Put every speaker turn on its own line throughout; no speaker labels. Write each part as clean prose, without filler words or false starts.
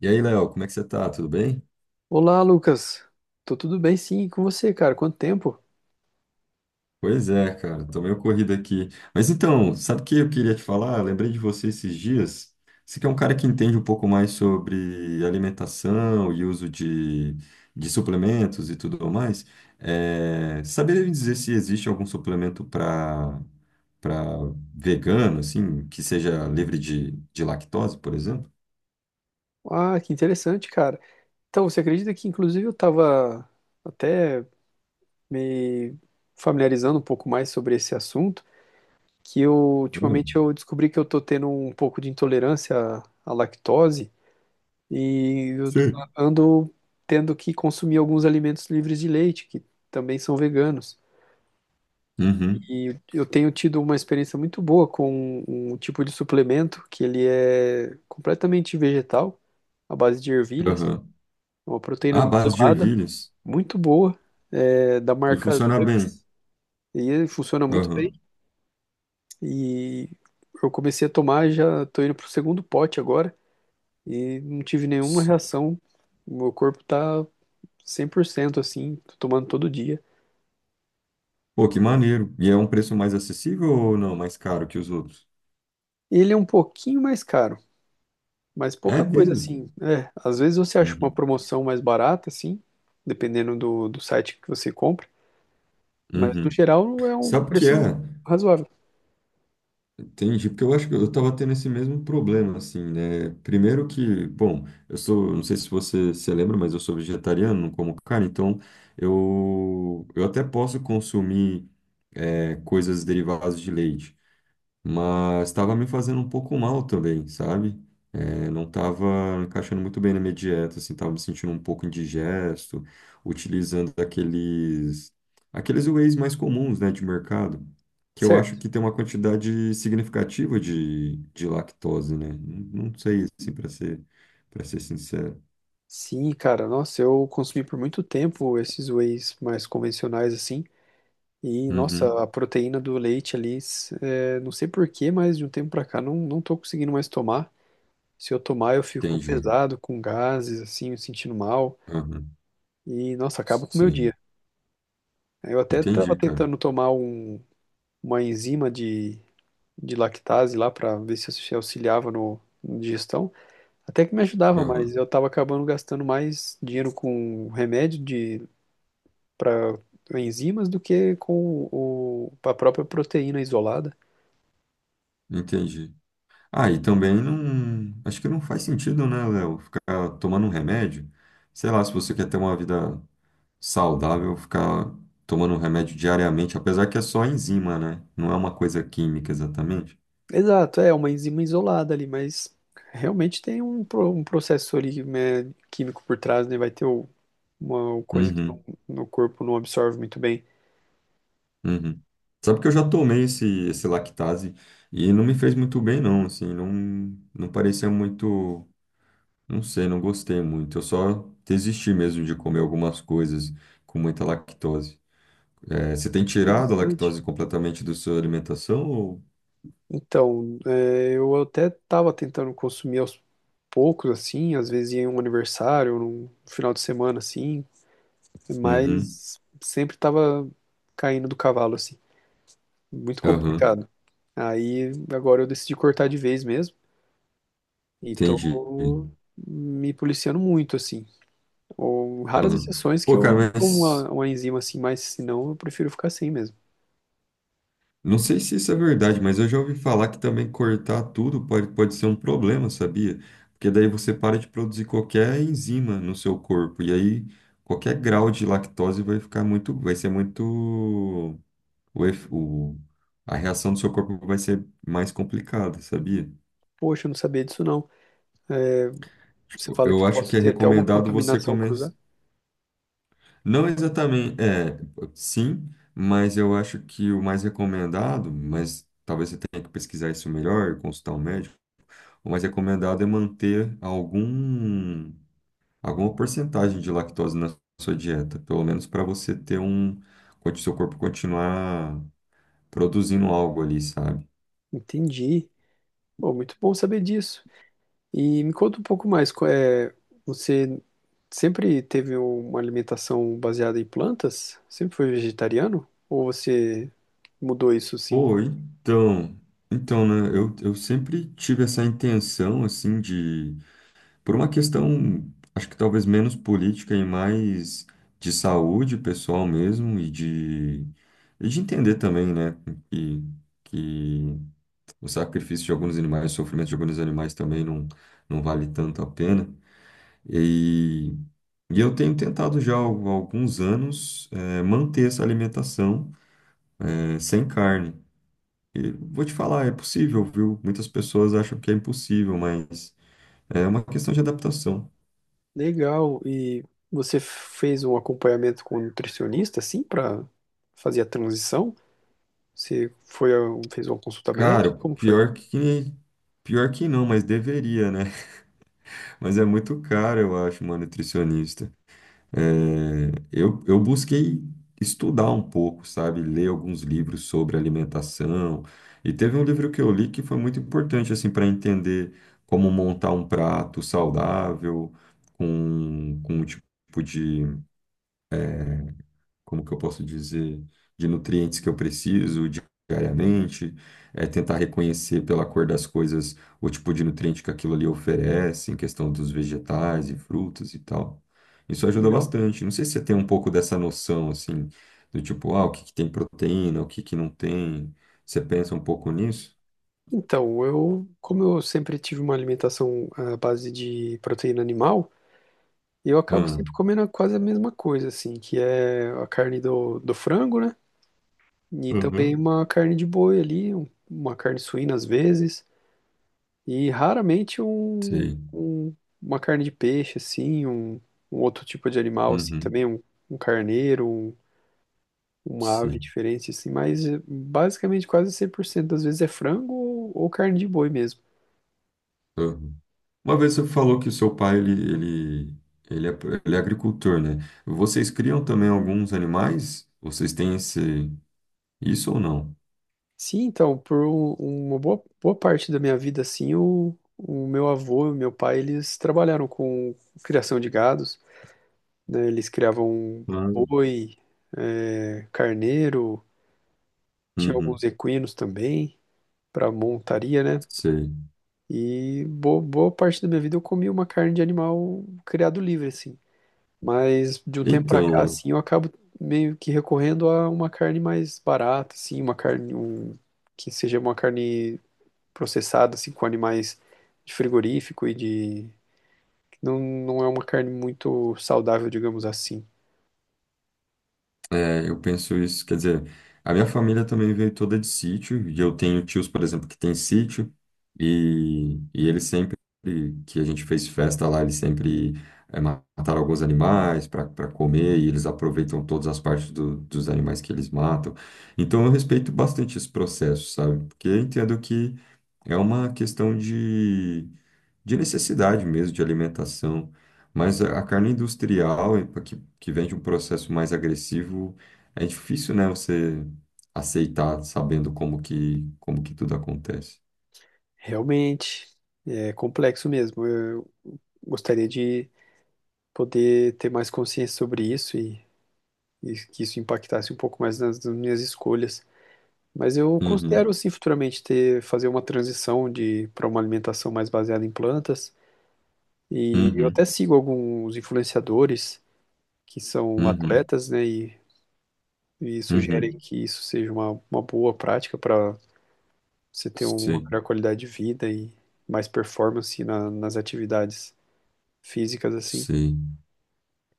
E aí, Léo, como é que você tá? Tudo bem?
Olá, Lucas. Tô tudo bem, sim, e com você, cara? Quanto tempo?
Pois é, cara, tô meio corrido aqui. Mas então, sabe o que eu queria te falar? Eu lembrei de você esses dias. Você que é um cara que entende um pouco mais sobre alimentação e uso de suplementos e tudo mais. É, saberia me dizer se existe algum suplemento para vegano, assim, que seja livre de lactose, por exemplo?
Ah, que interessante, cara. Então, você acredita que, inclusive, eu tava até me familiarizando um pouco mais sobre esse assunto, que eu, ultimamente,
Hum.
eu descobri que eu tô tendo um pouco de intolerância à lactose e eu
Sim.
ando tendo que consumir alguns alimentos livres de leite, que também são veganos.
Uhum,
E eu tenho tido uma experiência muito boa com um tipo de suplemento que ele é completamente vegetal, à base de ervilhas,
aham.
uma
Ah,
proteína
base de
isolada,
ervilhas.
muito boa, da
E
marca
funciona bem.
Dux. E ele funciona muito bem.
Aham.
E eu comecei a tomar, já estou indo para o segundo pote agora e não tive nenhuma reação. O meu corpo está 100% assim, tô tomando todo dia.
Pô, que maneiro. E é um preço mais acessível ou não? Mais caro que os outros?
Ele é um pouquinho mais caro. Mas
É
pouca coisa
mesmo?
assim. É, às vezes você acha uma
Uhum.
promoção mais barata, assim, dependendo do site que você compra. Mas no
Uhum.
geral é um
Sabe o que é?
preço razoável.
Entendi, porque eu acho que eu estava tendo esse mesmo problema, assim, né? Primeiro que, bom, eu sou, não sei se você se lembra, mas eu sou vegetariano, não como carne, então eu até posso consumir é, coisas derivadas de leite. Mas estava me fazendo um pouco mal também, sabe? É, não estava encaixando muito bem na minha dieta, assim, estava me sentindo um pouco indigesto, utilizando aqueles wheys mais comuns, né, de mercado, que eu acho
Certo.
que tem uma quantidade significativa de lactose, né? Não, não sei, assim, para ser sincero.
Sim, cara, nossa, eu consumi por muito tempo esses wheys mais convencionais, assim. E, nossa,
Uhum,
a proteína do leite ali, é, não sei por quê, mas de um tempo pra cá não tô conseguindo mais tomar. Se eu tomar, eu fico
entendi.
pesado, com gases, assim, me sentindo mal.
Aham,
E, nossa, acaba com o meu
sim,
dia. Eu até tava
entendi, cara.
tentando tomar uma enzima de lactase lá para ver se se auxiliava no, na digestão. Até que me ajudava, mas
Aham,
eu estava acabando gastando mais dinheiro com remédio de para enzimas do que com a própria proteína isolada.
entendi. Ah, e também não. Acho que não faz sentido, né, Léo? Ficar tomando um remédio. Sei lá, se você quer ter uma vida saudável, ficar tomando um remédio diariamente, apesar que é só enzima, né? Não é uma coisa química exatamente.
Exato, é uma enzima isolada ali, mas realmente tem um, um processo ali, né, químico por trás, né? Vai ter uma coisa que
Uhum,
no corpo não absorve muito bem.
uhum. Sabe que eu já tomei esse lactase e não me fez muito bem, não. Assim, não, não parecia muito. Não sei, não gostei muito. Eu só desisti mesmo de comer algumas coisas com muita lactose. É, você tem tirado a
Interessante.
lactose completamente da sua alimentação? Ou...
Então, é, eu até estava tentando consumir aos poucos, assim, às vezes ia em um aniversário, num final de semana, assim,
Uhum,
mas sempre estava caindo do cavalo, assim, muito
aham,
complicado. Aí agora eu decidi cortar de vez mesmo e
entendi.
tô me policiando muito, assim. Ou raras
Aham.
exceções que
Pô,
eu
cara,
tomo
mas
uma enzima assim, mas senão eu prefiro ficar sem mesmo.
não sei se isso é verdade, mas eu já ouvi falar que também cortar tudo pode, pode ser um problema, sabia? Porque daí você para de produzir qualquer enzima no seu corpo, e aí qualquer grau de lactose vai ficar muito, vai ser muito, o, ef- o- a reação do seu corpo vai ser mais complicada, sabia?
Poxa, eu não sabia disso não. Eh, Você
Tipo,
fala
eu
que
acho
possa
que é
ter até uma
recomendado você
contaminação
comer.
cruzada?
Não exatamente, é, sim, mas eu acho que o mais recomendado, mas talvez você tenha que pesquisar isso melhor, consultar um médico, o mais recomendado é manter alguma porcentagem de lactose na sua dieta, pelo menos para você ter um, o seu corpo continuar produzindo algo ali, sabe?
Entendi. Pô, muito bom saber disso. E me conta um pouco mais, qual é, você sempre teve uma alimentação baseada em plantas? Sempre foi vegetariano? Ou você mudou isso sim.
Pô, então, então, né, eu sempre tive essa intenção, assim, de Por uma questão, acho que talvez menos política e mais de saúde pessoal mesmo e de entender também, né, que, que o sacrifício de alguns animais, o sofrimento de alguns animais também não, não vale tanto a pena. E, e eu tenho tentado já há alguns anos manter essa alimentação sem carne. E vou te falar, é possível, viu? Muitas pessoas acham que é impossível, mas é uma questão de adaptação.
Legal. E você fez um acompanhamento com um nutricionista, assim, para fazer a transição? Você foi, fez uma consulta médica?
Cara,
Como que foi?
pior que. Pior que não, mas deveria, né? Mas é muito caro, eu acho, uma nutricionista. É, eu busquei estudar um pouco, sabe? Ler alguns livros sobre alimentação. E teve um livro que eu li que foi muito importante, assim, para entender como montar um prato saudável, com um tipo de. Como que eu posso dizer, de nutrientes que eu preciso diariamente, é tentar reconhecer pela cor das coisas o tipo de nutriente que aquilo ali oferece, em questão dos vegetais e frutas e tal. Isso ajuda
Legal.
bastante. Não sei se você tem um pouco dessa noção, assim, do tipo, ah, o que que tem proteína, o que que não tem. Você pensa um pouco nisso?
Então, eu, como eu sempre tive uma alimentação à base de proteína animal, eu acabo
Ah.
sempre comendo quase a mesma coisa, assim, que é a carne do frango, né? E também
Uhum.
uma carne de boi ali, uma carne suína às vezes. E raramente um,
Sei.
um- uma carne de peixe, assim, um outro tipo de animal, assim,
Uhum,
também, um carneiro, uma ave
sei.
diferente, assim, mas basicamente quase 100% das vezes é frango ou carne de boi mesmo.
Uma vez você falou que o seu pai ele, ele, ele, é, ele é agricultor, né? Vocês criam também alguns animais? Vocês têm esse, isso ou não?
Sim, então, por uma boa parte da minha vida, assim, o meu avô e o meu pai, eles trabalharam com criação de gados, né, eles criavam
Ah.
boi, eh, carneiro, tinha alguns
Uhum,
equinos também, para montaria, né?
sei.
E boa parte da minha vida eu comi uma carne de animal criado livre, assim. Mas de um tempo pra cá,
Então,
assim, eu acabo meio que recorrendo a uma carne mais barata, assim, uma carne um, que seja uma carne processada, assim, com animais de frigorífico e de... Não, não é uma carne muito saudável, digamos assim.
é, eu penso isso, quer dizer, a minha família também veio toda de sítio, e eu tenho tios, por exemplo, que tem sítio, e eles sempre, que a gente fez festa lá, eles sempre é, mataram alguns animais para comer, e eles aproveitam todas as partes do- dos animais que eles matam. Então eu respeito bastante esse processo, sabe? Porque eu entendo que é uma questão de necessidade mesmo de alimentação, mas a carne industrial, pra que, que vem de um processo mais agressivo, é difícil, né, você aceitar sabendo como que tudo acontece.
Realmente, é complexo mesmo. Eu gostaria de poder ter mais consciência sobre isso e que isso impactasse um pouco mais nas nas minhas escolhas. Mas eu
Uhum,
considero sim futuramente ter fazer uma transição de para uma alimentação mais baseada em plantas. E eu até
uhum,
sigo alguns influenciadores que são
uhum,
atletas, né, e sugerem
uhum.
que isso seja uma boa prática para você ter uma melhor
Sim,
qualidade de vida e mais performance nas atividades físicas assim.
sim.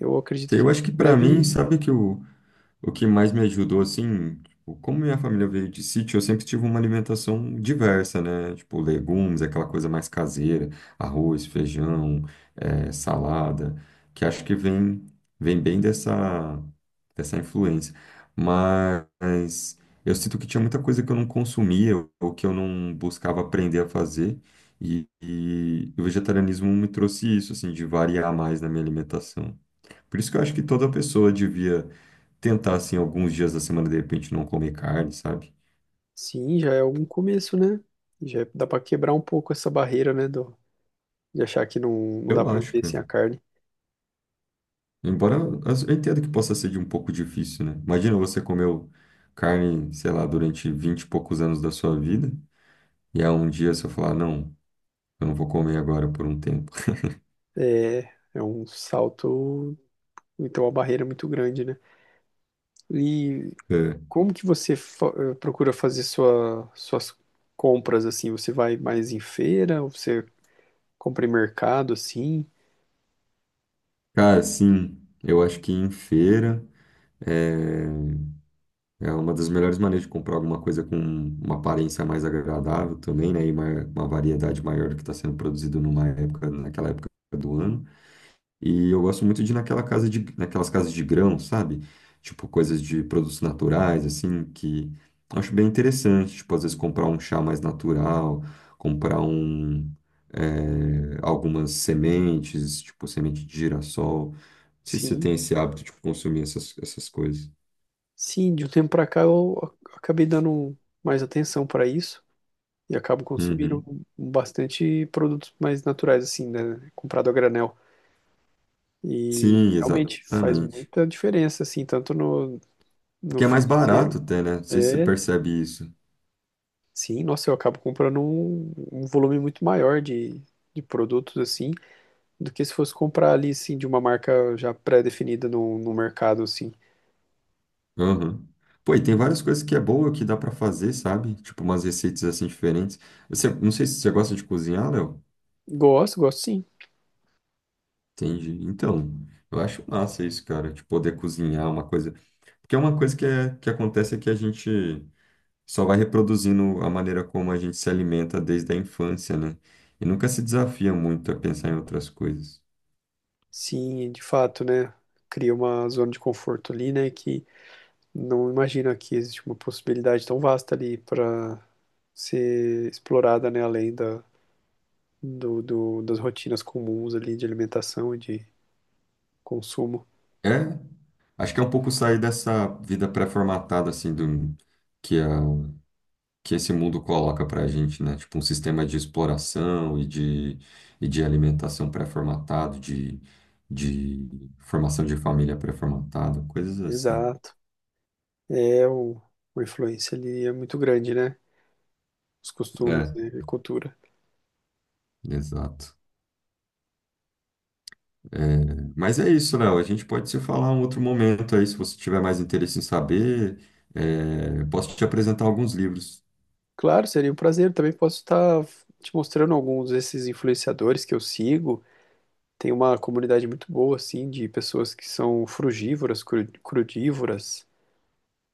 Eu acredito que
Eu acho que
em
para mim,
breve,
sabe que o O que mais me ajudou, assim, tipo, como minha família veio de sítio, eu sempre tive uma alimentação diversa, né? Tipo, legumes, aquela coisa mais caseira, arroz, feijão, salada, que acho que vem, vem bem dessa, dessa influência. Mas eu sinto que tinha muita coisa que eu não consumia ou que eu não buscava aprender a fazer. E o vegetarianismo me trouxe isso, assim, de variar mais na minha alimentação. Por isso que eu acho que toda pessoa devia tentar, assim, alguns dias da semana, de repente, não comer carne, sabe?
sim, já é algum começo, né? Já dá para quebrar um pouco essa barreira, né, do, de achar que não, não dá
Eu
para
acho,
viver
cara.
sem a carne.
Embora as- eu entendo que possa ser de um pouco difícil, né? Imagina você comeu carne, sei lá, durante 20 e poucos anos da sua vida, e há um dia você falar, não, eu não vou comer agora por um tempo.
É, é um salto, então uma barreira muito grande, né? E
É.
como que você procura fazer sua, suas compras assim? Você vai mais em feira, ou você compra em mercado assim?
Cara, sim, eu acho que em feira é, é uma das melhores maneiras de comprar alguma coisa com uma aparência mais agradável também, né? E uma variedade maior do que está sendo produzido numa época, naquela época do ano. E eu gosto muito de ir naquela casa de, naquelas casas de grão, sabe? Tipo, coisas de produtos naturais, assim, que eu acho bem interessante. Tipo, às vezes comprar um chá mais natural, comprar um, é, algumas sementes, tipo, semente de girassol. Não sei se você
Sim,
tem esse hábito de consumir essas coisas.
sim, de um tempo para cá eu acabei dando mais atenção para isso e acabo consumindo
Uhum.
bastante produtos mais naturais assim, né? Comprado a granel. E
Sim,
realmente faz
exatamente.
muita diferença assim, tanto no
Porque é mais
financeiro.
barato até, né? Não sei se você
é,
percebe isso.
Sim, nossa, eu acabo comprando um, um volume muito maior de produtos, assim, do que se fosse comprar ali, assim, de uma marca já pré-definida no mercado, assim.
Aham. Pô, e tem várias coisas que é boa que dá pra fazer, sabe? Tipo umas receitas assim diferentes. Você, não sei se você gosta de cozinhar, Léo.
Gosto, gosto sim.
Entendi. Então, eu acho massa isso, cara, de poder cozinhar uma coisa. Porque é uma coisa que, é, que acontece é que a gente só vai reproduzindo a maneira como a gente se alimenta desde a infância, né? E nunca se desafia muito a pensar em outras coisas.
Sim, de fato, né? Cria uma zona de conforto ali, né? Que não imagina que existe uma possibilidade tão vasta ali para ser explorada, né? Além da, do das rotinas comuns ali de alimentação e de consumo.
É, acho que é um pouco sair dessa vida pré-formatada, assim, do, que é que esse mundo coloca pra gente, né? Tipo, um sistema de exploração e de alimentação pré-formatado, de formação de família pré-formatada, coisas assim.
Exato. É, o, a influência ali é muito grande, né? Os costumes,
É,
né, e cultura.
exato. É, mas é isso, Léo. A gente pode se falar um outro momento aí, se você tiver mais interesse em saber. É, eu posso te apresentar alguns livros.
Claro, seria um prazer. Também posso estar te mostrando alguns desses influenciadores que eu sigo. Tem uma comunidade muito boa, assim, de pessoas que são frugívoras, crudívoras.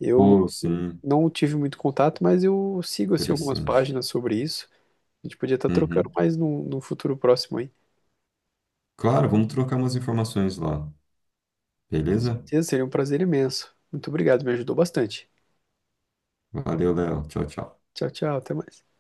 Eu
Pô, sim,
não tive muito contato, mas eu sigo, assim, algumas
interessante.
páginas sobre isso. A gente podia estar trocando
Uhum.
mais num, num futuro próximo, hein?
Claro, vamos trocar umas informações lá. Beleza?
Seria um prazer imenso. Muito obrigado, me ajudou bastante.
Valeu, Léo. Tchau, tchau.
Tchau, tchau, até mais.